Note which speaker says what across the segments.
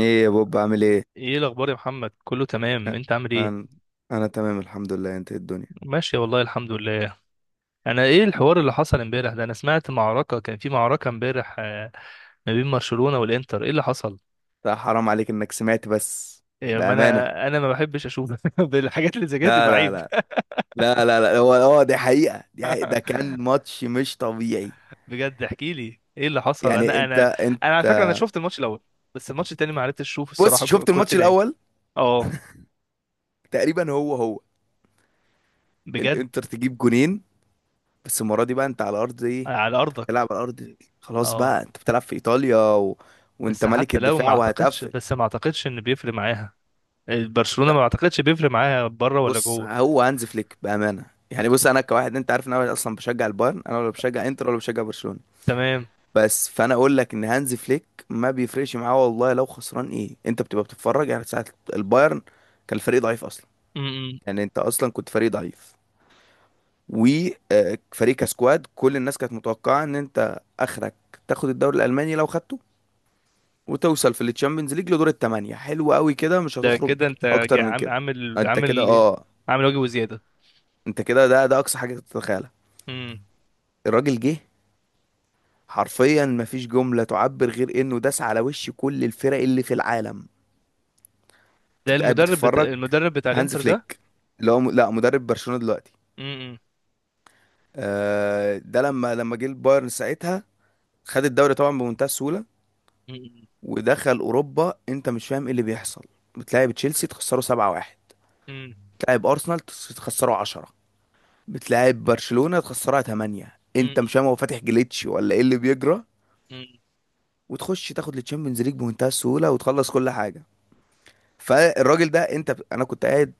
Speaker 1: ايه يا بوب، عامل ايه؟
Speaker 2: ايه الاخبار يا محمد، كله
Speaker 1: أ-
Speaker 2: تمام؟ انت عامل ايه؟
Speaker 1: انا انا تمام الحمد لله، انت إيه الدنيا؟
Speaker 2: ماشي والله الحمد لله. انا ايه الحوار اللي حصل امبارح ده؟ انا سمعت معركة، كان في معركة امبارح، ما بين برشلونة والانتر. ايه اللي حصل؟
Speaker 1: لا حرام عليك انك سمعت بس.
Speaker 2: إيه، ما
Speaker 1: بامانه
Speaker 2: انا ما بحبش اشوف بالحاجات اللي زي كده،
Speaker 1: لا
Speaker 2: تبقى
Speaker 1: لا
Speaker 2: عيب.
Speaker 1: لا، لا لا لا. هو دي حقيقة. ده كان ماتش مش طبيعي.
Speaker 2: بجد، احكي لي ايه اللي حصل؟
Speaker 1: يعني
Speaker 2: انا
Speaker 1: انت
Speaker 2: انا انا على
Speaker 1: انت
Speaker 2: فكرة انا شفت الماتش الاول، بس الماتش التاني ما عرفتش اشوف
Speaker 1: بص،
Speaker 2: الصراحة،
Speaker 1: شفت
Speaker 2: كنت
Speaker 1: الماتش
Speaker 2: نايم.
Speaker 1: الاول
Speaker 2: اه.
Speaker 1: تقريبا. هو
Speaker 2: بجد.
Speaker 1: الانتر تجيب جونين، بس المره دي بقى انت على ارض ايه.
Speaker 2: على
Speaker 1: بتلعب
Speaker 2: ارضك.
Speaker 1: على ارض، خلاص
Speaker 2: اه.
Speaker 1: بقى انت بتلعب في ايطاليا و... وانت
Speaker 2: بس
Speaker 1: ملك
Speaker 2: حتى لو ما
Speaker 1: الدفاع
Speaker 2: اعتقدش،
Speaker 1: وهتقفل.
Speaker 2: بس ما اعتقدش ان بيفرق معاها. برشلونة ما اعتقدش بيفرق معاها بره ولا
Speaker 1: بص
Speaker 2: جوه.
Speaker 1: هو هانز فليك بامانه، يعني بص انا كواحد، انت عارف ان انا اصلا بشجع البايرن، انا ولا بشجع انتر ولا بشجع برشلونه،
Speaker 2: تمام.
Speaker 1: بس فانا اقول لك ان هانز فليك ما بيفرقش معاه والله لو خسران، ايه انت بتبقى بتتفرج يعني ساعه. البايرن كان الفريق ضعيف اصلا،
Speaker 2: امم.
Speaker 1: يعني انت اصلا كنت فريق ضعيف وفريق كسكواد، كل الناس كانت متوقعه ان انت اخرك تاخد الدوري الالماني لو خدته، وتوصل في التشامبيونز ليج لدور الثمانيه، حلو قوي كده مش
Speaker 2: ده
Speaker 1: هتخرج
Speaker 2: كده انت
Speaker 1: اكتر
Speaker 2: جا-
Speaker 1: من
Speaker 2: عام-
Speaker 1: كده.
Speaker 2: عامل
Speaker 1: انت كده
Speaker 2: عامل
Speaker 1: اه،
Speaker 2: عامل واجب وزيادة.
Speaker 1: انت كده ده ده اقصى حاجه تتخيلها.
Speaker 2: امم.
Speaker 1: الراجل جه حرفيا مفيش جملة تعبر غير انه داس على وش كل الفرق اللي في العالم.
Speaker 2: ده
Speaker 1: انت قاعد
Speaker 2: المدرب بتاع
Speaker 1: بتتفرج. هانز
Speaker 2: الانتر ده.
Speaker 1: فليك اللي هو لا، مدرب برشلونة دلوقتي،
Speaker 2: امم.
Speaker 1: آه. ده لما جه البايرن ساعتها، خد الدوري طبعا بمنتهى السهولة، ودخل اوروبا، انت مش فاهم ايه اللي بيحصل. بتلاعب تشيلسي تخسره 7-1، بتلاعب ارسنال تخسره 10، بتلاعب برشلونة تخسرها 8، انت مش فاهم هو فاتح جليتش ولا ايه اللي بيجرى. وتخش تاخد التشامبيونز ليج بمنتهى السهولة وتخلص كل حاجة. فالراجل ده انت انا كنت قاعد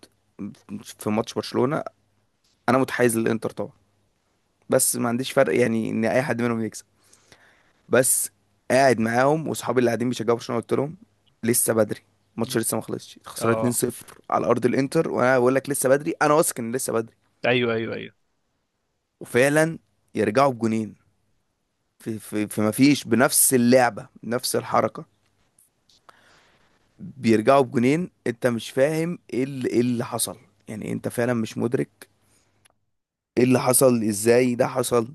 Speaker 1: في ماتش برشلونة، انا متحيز للانتر طبعا، بس ما عنديش فرق يعني ان اي حد منهم يكسب، بس. قاعد معاهم واصحابي اللي قاعدين بيشجعوا برشلونة، قلت لهم لسه بدري، الماتش لسه ما خلصش، خسرنا
Speaker 2: اه.
Speaker 1: 2-0 على ارض الانتر، وانا بقول لك لسه بدري، انا واثق ان لسه بدري.
Speaker 2: ايوه، ايوه، ايوه.
Speaker 1: وفعلا يرجعوا بجونين. في ما فيش، بنفس اللعبة بنفس الحركة، بيرجعوا بجونين. انت مش فاهم إيه اللي حصل. يعني انت فعلا مش مدرك ايه اللي حصل، ازاي ده حصل،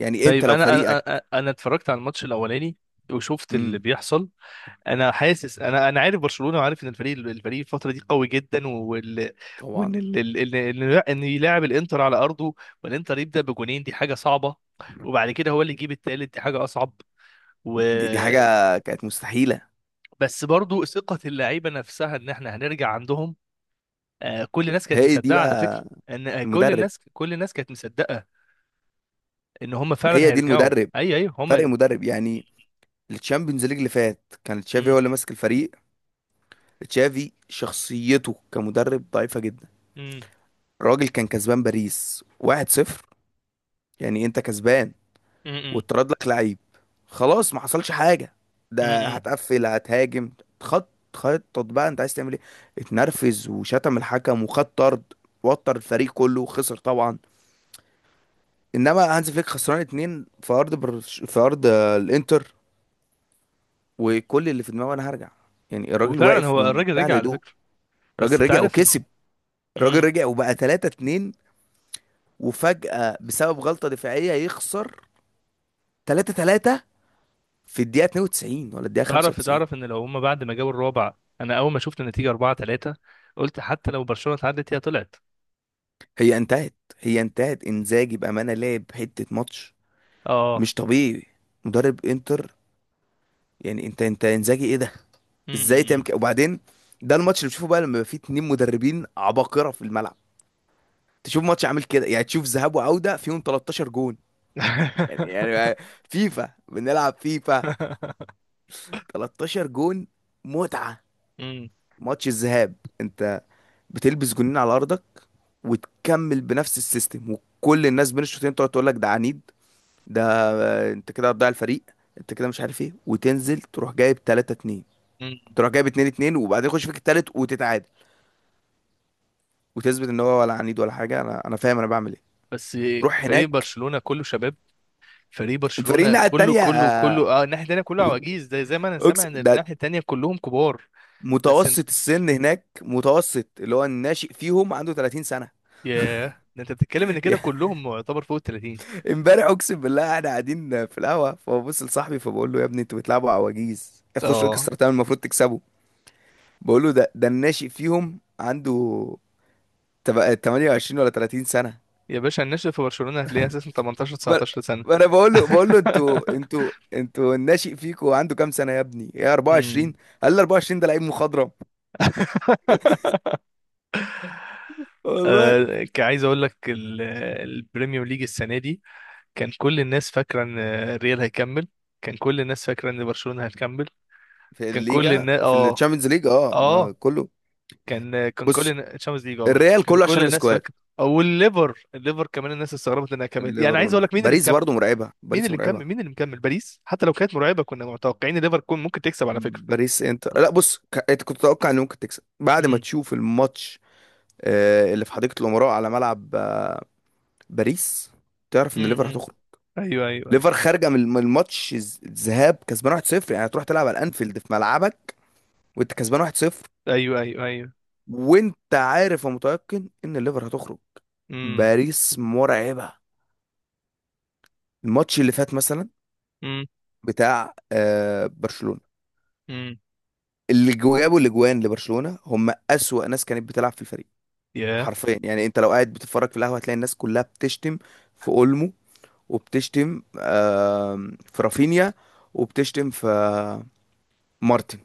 Speaker 1: يعني انت
Speaker 2: طيب،
Speaker 1: لو
Speaker 2: انا انا
Speaker 1: فريقك.
Speaker 2: انا أنا اتفرجت على الماتش الاولاني وشفت اللي
Speaker 1: امم
Speaker 2: بيحصل. انا حاسس، انا عارف برشلونه وعارف ان الفريق الفتره دي قوي جدا، وان
Speaker 1: طبعا.
Speaker 2: ال... ال... ال- ان يلاعب الانتر على ارضه والانتر يبدا بجونين، دي حاجه صعبه. وبعد كده هو اللي يجيب التالت، دي حاجه اصعب. و...
Speaker 1: دي حاجه كانت مستحيله.
Speaker 2: بس برضو ثقه اللعيبه نفسها ان احنا هنرجع عندهم. كل الناس كانت
Speaker 1: هي دي
Speaker 2: مصدقه على فكره
Speaker 1: بقى
Speaker 2: ان كل
Speaker 1: المدرب.
Speaker 2: الناس كل الناس كانت مصدقه ان هم
Speaker 1: ما
Speaker 2: فعلا
Speaker 1: هي دي
Speaker 2: هيرجعوا.
Speaker 1: المدرب
Speaker 2: ايوه، ايوه. هم
Speaker 1: فرق
Speaker 2: م-
Speaker 1: مدرب يعني. الشامبيونز ليج اللي فات كان تشافي
Speaker 2: م-
Speaker 1: هو اللي ماسك الفريق، تشافي شخصيته كمدرب ضعيفه جدا.
Speaker 2: م-
Speaker 1: الراجل كان كسبان باريس 1-0، يعني انت كسبان
Speaker 2: م-
Speaker 1: واتطرد لك لعيب، خلاص ما حصلش حاجه،
Speaker 2: م-
Speaker 1: ده
Speaker 2: م-
Speaker 1: هتقفل هتهاجم، خط خطط بقى انت عايز تعمل ايه. اتنرفز وشتم الحكم وخد طرد وتر الفريق كله وخسر طبعا. انما هانز فليك خسران اتنين في ارض برش... في ارض آه، الانتر، وكل اللي في دماغه انا هرجع. يعني الراجل
Speaker 2: وفعلا
Speaker 1: واقف
Speaker 2: هو الراجل
Speaker 1: بمنتهى
Speaker 2: رجع على
Speaker 1: الهدوء.
Speaker 2: فكره. بس
Speaker 1: الراجل
Speaker 2: انت
Speaker 1: رجع
Speaker 2: عارف
Speaker 1: وكسب، الراجل
Speaker 2: إمم،
Speaker 1: رجع وبقى 3 2، وفجأة بسبب غلطة دفاعية يخسر 3 3 في الدقيقة 92 ولا الدقيقة
Speaker 2: تعرف
Speaker 1: 95.
Speaker 2: تعرف ان لو هما بعد ما جابوا الرابع، انا اول ما شفت النتيجه 4-3 قلت حتى لو برشلونه اتعدت هي طلعت.
Speaker 1: هي انتهت، انزاجي بامانه لعب حته ماتش
Speaker 2: اه.
Speaker 1: مش طبيعي. مدرب انتر، يعني انت انزاجي ايه ده، ازاي تعمل
Speaker 2: امم.
Speaker 1: كده؟ وبعدين ده الماتش اللي بتشوفه بقى لما يبقى فيه اتنين مدربين عباقره في الملعب. تشوف ماتش عامل كده، يعني تشوف ذهاب وعوده فيهم 13 جون. يعني يعني فيفا، بنلعب فيفا، 13 جون، متعه.
Speaker 2: امم.
Speaker 1: ماتش الذهاب انت بتلبس جونين على ارضك، وتكمل بنفس السيستم، وكل الناس بين الشوطين تقعد تقول لك ده عنيد، ده انت كده هتضيع الفريق، انت كده مش عارف ايه، وتنزل تروح جايب 3 2،
Speaker 2: امم.
Speaker 1: تروح جايب 2 2، وبعدين يخش فيك التالت وتتعادل، وتثبت ان هو ولا عنيد ولا حاجه، انا فاهم انا بعمل ايه.
Speaker 2: بس
Speaker 1: روح
Speaker 2: فريق
Speaker 1: هناك.
Speaker 2: برشلونه كله شباب. فريق
Speaker 1: الفريق
Speaker 2: برشلونه
Speaker 1: الناحيه
Speaker 2: كله
Speaker 1: التانيه
Speaker 2: كله كله الناحيه التانيه كله عواجيز، زي ما انا سامع ان
Speaker 1: اقسم ده
Speaker 2: الناحيه التانيه كلهم كبار. بس انت،
Speaker 1: متوسط السن هناك، متوسط اللي هو الناشئ فيهم عنده 30 سنه.
Speaker 2: ياه، ده انت بتتكلم ان كده كلهم يعتبر فوق ال 30.
Speaker 1: امبارح اقسم بالله احنا قاعدين في القهوه، فببص لصاحبي فبقول له يا ابني انتوا بتلعبوا عواجيز، هتخشوا
Speaker 2: اه.
Speaker 1: اكسترا تايم المفروض تكسبوا. بقول له ده ده الناشئ فيهم عنده تبقى 28 ولا 30 سنة.
Speaker 2: يا باشا، الناشئ في برشلونه هتلاقيه اساسا 18
Speaker 1: ب-
Speaker 2: 19 سنه.
Speaker 1: ما انا بقول له، بقول له انتوا انتوا انتوا الناشئ فيكوا عنده كام سنة يا ابني؟ يا 24.
Speaker 2: امم.
Speaker 1: قال لي 24 ده لعيب مخضرم. والله.
Speaker 2: عايز اقول لك البريميوم ليج السنه دي كان كل الناس فاكره ان الريال هيكمل. كان كل الناس فاكره ان برشلونه هتكمل.
Speaker 1: في
Speaker 2: كان كل
Speaker 1: الليجا،
Speaker 2: الناس،
Speaker 1: في
Speaker 2: اه،
Speaker 1: الشامبيونز ليج اه ما
Speaker 2: اه
Speaker 1: كله.
Speaker 2: كان
Speaker 1: بص
Speaker 2: الشامبيونز ليج،
Speaker 1: الريال
Speaker 2: كان
Speaker 1: كله
Speaker 2: كل
Speaker 1: عشان
Speaker 2: الناس
Speaker 1: السكواد.
Speaker 2: فاكره. او الليفر، الليفر كمان الناس استغربت انها كملت. يعني عايز
Speaker 1: ليفربول،
Speaker 2: اقول لك مين اللي
Speaker 1: باريس
Speaker 2: مكمل؟
Speaker 1: برضو مرعبة،
Speaker 2: مين
Speaker 1: باريس
Speaker 2: اللي مكمل؟
Speaker 1: مرعبة.
Speaker 2: مين اللي مكمل؟ باريس حتى لو كانت مرعبه، كنا متوقعين الليفر كون ممكن تكسب على فكره.
Speaker 1: باريس انت لا بص انت كنت تتوقع ان ممكن تكسب بعد ما
Speaker 2: امم.
Speaker 1: تشوف الماتش اللي في حديقة الأمراء، على ملعب باريس، تعرف
Speaker 2: امم.
Speaker 1: ان ليفر
Speaker 2: أمم.
Speaker 1: هتخرج.
Speaker 2: ايوه، ايوه، ايوه.
Speaker 1: ليفر خارجه من الماتش الذهاب كسبان 1-0، يعني تروح تلعب على الانفيلد في ملعبك وانت كسبان 1-0،
Speaker 2: ايوه، ايوه، ايوه.
Speaker 1: وانت عارف ومتيقن ان الليفر هتخرج.
Speaker 2: امم.
Speaker 1: باريس مرعبه. الماتش اللي فات مثلا
Speaker 2: امم.
Speaker 1: بتاع آه برشلونه،
Speaker 2: امم.
Speaker 1: اللي جابوا الاجوان لبرشلونه هم اسوأ ناس كانت بتلعب في الفريق.
Speaker 2: ياه.
Speaker 1: حرفيا يعني انت لو قاعد بتتفرج في القهوه هتلاقي الناس كلها بتشتم في اولمو، وبتشتم آه في رافينيا، وبتشتم في مارتن.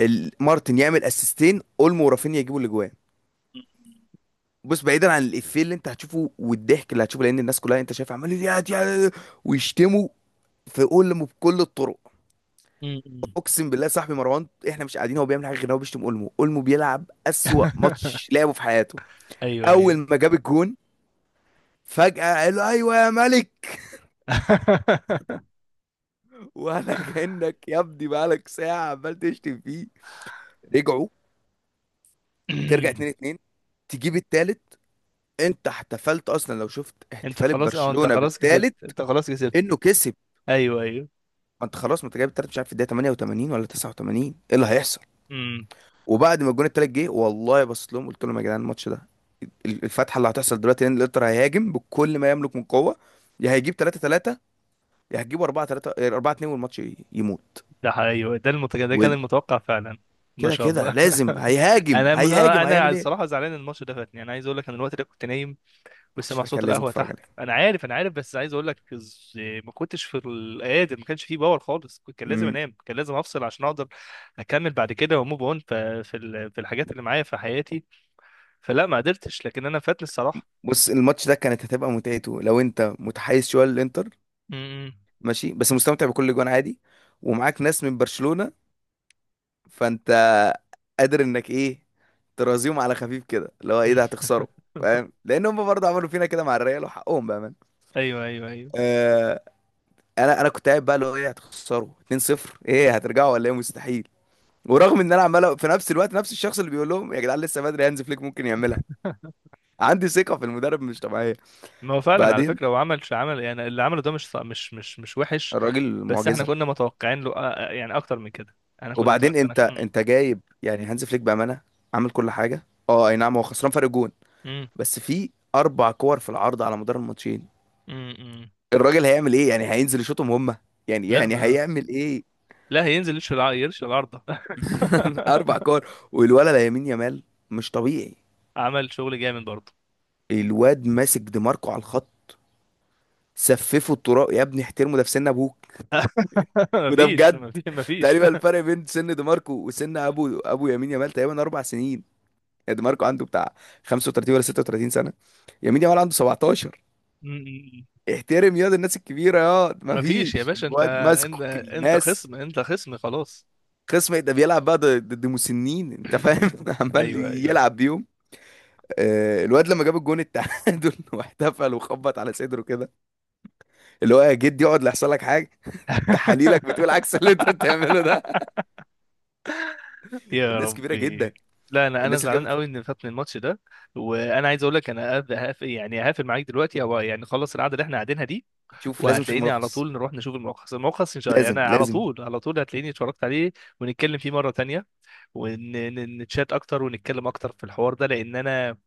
Speaker 1: مارتن يعمل اسيستين، اولمو ورافينيا يجيبوا الاجوان. بص بعيدا عن الافيه اللي انت هتشوفه والضحك اللي هتشوفه، لان الناس كلها انت شايف عمال ويشتموا في اولمو بكل الطرق.
Speaker 2: م- م.
Speaker 1: اقسم بالله صاحبي مروان احنا مش قاعدين، هو بيعمل حاجه غير إن هو بيشتم اولمو. اولمو بيلعب اسوأ ماتش لعبه في حياته.
Speaker 2: ايوه،
Speaker 1: اول
Speaker 2: ايوه.
Speaker 1: ما جاب الجون، فجأة قال له ايوه يا ملك. ولا كأنك يا ابني بقالك ساعة عمال تشتم فيه. رجعوا، ترجع 2 2، تجيب التالت. انت احتفلت اصلا لو شفت
Speaker 2: انت
Speaker 1: احتفال
Speaker 2: خلاص، اه، انت
Speaker 1: برشلونة
Speaker 2: خلاص كسبت.
Speaker 1: بالتالت
Speaker 2: انت خلاص كسبت.
Speaker 1: انه كسب.
Speaker 2: ايوه، ايوه.
Speaker 1: ما انت خلاص، ما انت جايب التالت، مش عارف في الدقيقه 88 ولا 89، ايه اللي هيحصل؟
Speaker 2: امم.
Speaker 1: وبعد ما الجون التالت جه، والله بصيت لهم قلت لهم يا جدعان، الماتش ده الفتحه اللي هتحصل دلوقتي، ان الانتر هيهاجم بكل ما يملك من قوه، يا هيجيب 3 3، يا هتجيبوا 4 3 4 2، والماتش يموت.
Speaker 2: ده ايوه، ده كان
Speaker 1: وال...
Speaker 2: المتوقع فعلا. ما
Speaker 1: كده
Speaker 2: شاء
Speaker 1: كده
Speaker 2: الله.
Speaker 1: لازم هيهاجم،
Speaker 2: انا مز... انا أنا
Speaker 1: هيعمل ايه.
Speaker 2: الصراحه زعلان ان الماتش ده فاتني. انا عايز اقول لك انا الوقت ده كنت نايم وسامع
Speaker 1: الماتش ده
Speaker 2: صوت
Speaker 1: كان لازم
Speaker 2: القهوه
Speaker 1: تتفرج
Speaker 2: تحت.
Speaker 1: عليه.
Speaker 2: انا عارف، انا عارف بس عايز اقول لك، ما كنتش في القادر، ما كانش فيه باور خالص. كان لازم
Speaker 1: امم.
Speaker 2: انام. كان لازم افصل عشان اقدر اكمل بعد كده وموف اون في في الحاجات اللي معايا في حياتي. فلا ما قدرتش، لكن انا فاتني الصراحه.
Speaker 1: بص الماتش ده كانت هتبقى متعته لو انت متحيز شويه للانتر،
Speaker 2: امم.
Speaker 1: ماشي، بس مستمتع بكل جوان عادي. ومعاك ناس من برشلونه، فانت قادر انك ايه، ترازيهم على خفيف كده، اللي هو ايه ده هتخسره، فاهم. لان هم برضه عملوا فينا كده مع الريال وحقهم بقى من
Speaker 2: ايوه، ايوه، ايوه.
Speaker 1: آه. انا كنت قاعد بقى اللي هو ايه، هتخسروا 2-0، ايه هترجعوا ولا ايه، مستحيل. ورغم ان انا عمال في نفس الوقت، نفس الشخص اللي بيقول لهم يا جدعان لسه بدري، هانز فليك ممكن يعملها، عندي ثقة في المدرب مش طبيعية.
Speaker 2: ما هو فعلا على
Speaker 1: بعدين
Speaker 2: فكره هو عمل، يعني اللي عمله ده مش مش وحش.
Speaker 1: الراجل
Speaker 2: بس احنا
Speaker 1: معجزة.
Speaker 2: كنا متوقعين له يعني اكتر من كده. احنا كنا
Speaker 1: وبعدين انت
Speaker 2: متوقعين.
Speaker 1: انت جايب يعني هانز فليك بأمانة عامل كل حاجة، اه اي نعم هو خسران فرق جون،
Speaker 2: امم.
Speaker 1: بس في اربع كور في العرض على مدار الماتشين،
Speaker 2: امم. امم.
Speaker 1: الراجل هيعمل ايه؟ يعني هينزل يشوطهم هما؟ يعني
Speaker 2: لا
Speaker 1: يعني
Speaker 2: ما
Speaker 1: هيعمل ايه.
Speaker 2: لا، هينزل يرش العارضه.
Speaker 1: اربع كور، والولد لامين يامال مش طبيعي.
Speaker 2: عمل شغل جامد برضه.
Speaker 1: الواد ماسك دماركو على الخط، سففه الطراق. يا ابني احترمه ده في سن ابوك. وده
Speaker 2: مفيش،
Speaker 1: بجد
Speaker 2: مفيش، مفيش.
Speaker 1: تقريبا الفرق بين سن دماركو وسن ابو يمين يامال تقريبا اربع سنين. يعني دماركو عنده بتاع 35 ولا 36 سنه، يمين يامال عنده 17.
Speaker 2: مم.
Speaker 1: احترم ياض الناس الكبيره ياض،
Speaker 2: مفيش يا
Speaker 1: مفيش
Speaker 2: باشا.
Speaker 1: الواد
Speaker 2: انت
Speaker 1: ماسكك
Speaker 2: انت
Speaker 1: الناس.
Speaker 2: خصم، انت خصم خلاص.
Speaker 1: خصم، ده بيلعب بقى ضد مسنين، انت فاهم. عمال
Speaker 2: ايوه، ايوه.
Speaker 1: يلعب بيهم آه، الواد لما جاب الجون التعادل واحتفل وخبط على صدره كده، اللي هو يا جد يقعد لا يحصل لك حاجه، تحاليلك بتقول عكس اللي انت بتعمله ده.
Speaker 2: يا
Speaker 1: الناس كبيره جدا.
Speaker 2: ربي. لا، انا
Speaker 1: الناس اللي
Speaker 2: زعلان
Speaker 1: جابت،
Speaker 2: قوي ان فاتني الماتش ده. وانا عايز اقول لك انا يعني هقفل معاك دلوقتي، او يعني خلص القعده اللي احنا قاعدينها دي.
Speaker 1: شوف لازم تشوف
Speaker 2: وهتلاقيني على
Speaker 1: ملخص.
Speaker 2: طول نروح نشوف الملخص. الملخص ان شاء الله يعني
Speaker 1: لازم
Speaker 2: على
Speaker 1: لازم.
Speaker 2: طول على طول هتلاقيني اتفرجت عليه ونتكلم فيه مره تانية. ونتشات اكتر ونتكلم اكتر في الحوار ده، لان انا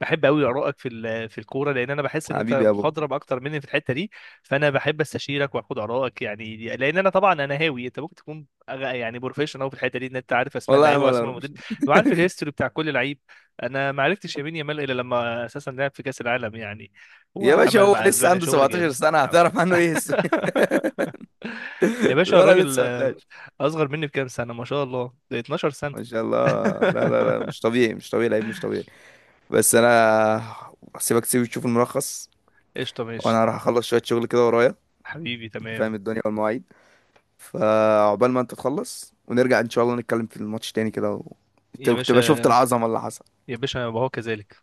Speaker 2: بحب قوي ارائك في الكوره، لان انا بحس ان انت
Speaker 1: حبيبي يا بابا.
Speaker 2: مخضرم اكتر مني في الحته دي. فانا بحب استشيرك واخد ارائك، يعني لان انا طبعا انا هاوي. انت ممكن تكون يعني بروفيشنال أوي في الحته دي، ان انت عارف اسماء
Speaker 1: والله يا
Speaker 2: اللعيبه
Speaker 1: عم
Speaker 2: واسماء
Speaker 1: اروح.
Speaker 2: المدرب وعارف الهيستوري بتاع كل لعيب. انا ما عرفتش يمين يامال الا لما اساسا لعب في كاس العالم يعني
Speaker 1: يا باشا
Speaker 2: وعمل
Speaker 1: هو
Speaker 2: مع
Speaker 1: لسه
Speaker 2: اسبانيا
Speaker 1: عنده
Speaker 2: شغل جامد.
Speaker 1: 17 سنه، هتعرف عنه ايه
Speaker 2: يا باشا
Speaker 1: الولد
Speaker 2: الراجل
Speaker 1: لسه هتلاقي.
Speaker 2: اصغر مني بكام سنه، ما شاء الله، ده 12 سنه.
Speaker 1: ما شاء الله. لا لا لا، مش طبيعي مش طبيعي، لعيب مش طبيعي. بس انا هسيبك تسيب تشوف الملخص،
Speaker 2: قشطه، ماشي.
Speaker 1: وانا راح اخلص شويه شغل كده ورايا.
Speaker 2: حبيبي،
Speaker 1: انت فاهم
Speaker 2: تمام.
Speaker 1: الدنيا والمواعيد. فعقبال ما انت تخلص ونرجع ان شاء الله نتكلم في الماتش تاني كده و...
Speaker 2: يا
Speaker 1: تبقى شفت
Speaker 2: باشا.
Speaker 1: العظمه اللي حصل.
Speaker 2: يا باشا، وهو كذلك.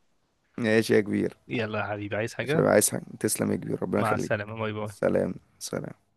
Speaker 1: ماشي يا كبير.
Speaker 2: يلا يا حبيبي، عايز
Speaker 1: ماشي،
Speaker 2: حاجة؟
Speaker 1: يا عايز حاجة. تسلم يا كبير، ربنا
Speaker 2: مع
Speaker 1: يخليك.
Speaker 2: السلامة، باي باي.
Speaker 1: سلام سلام.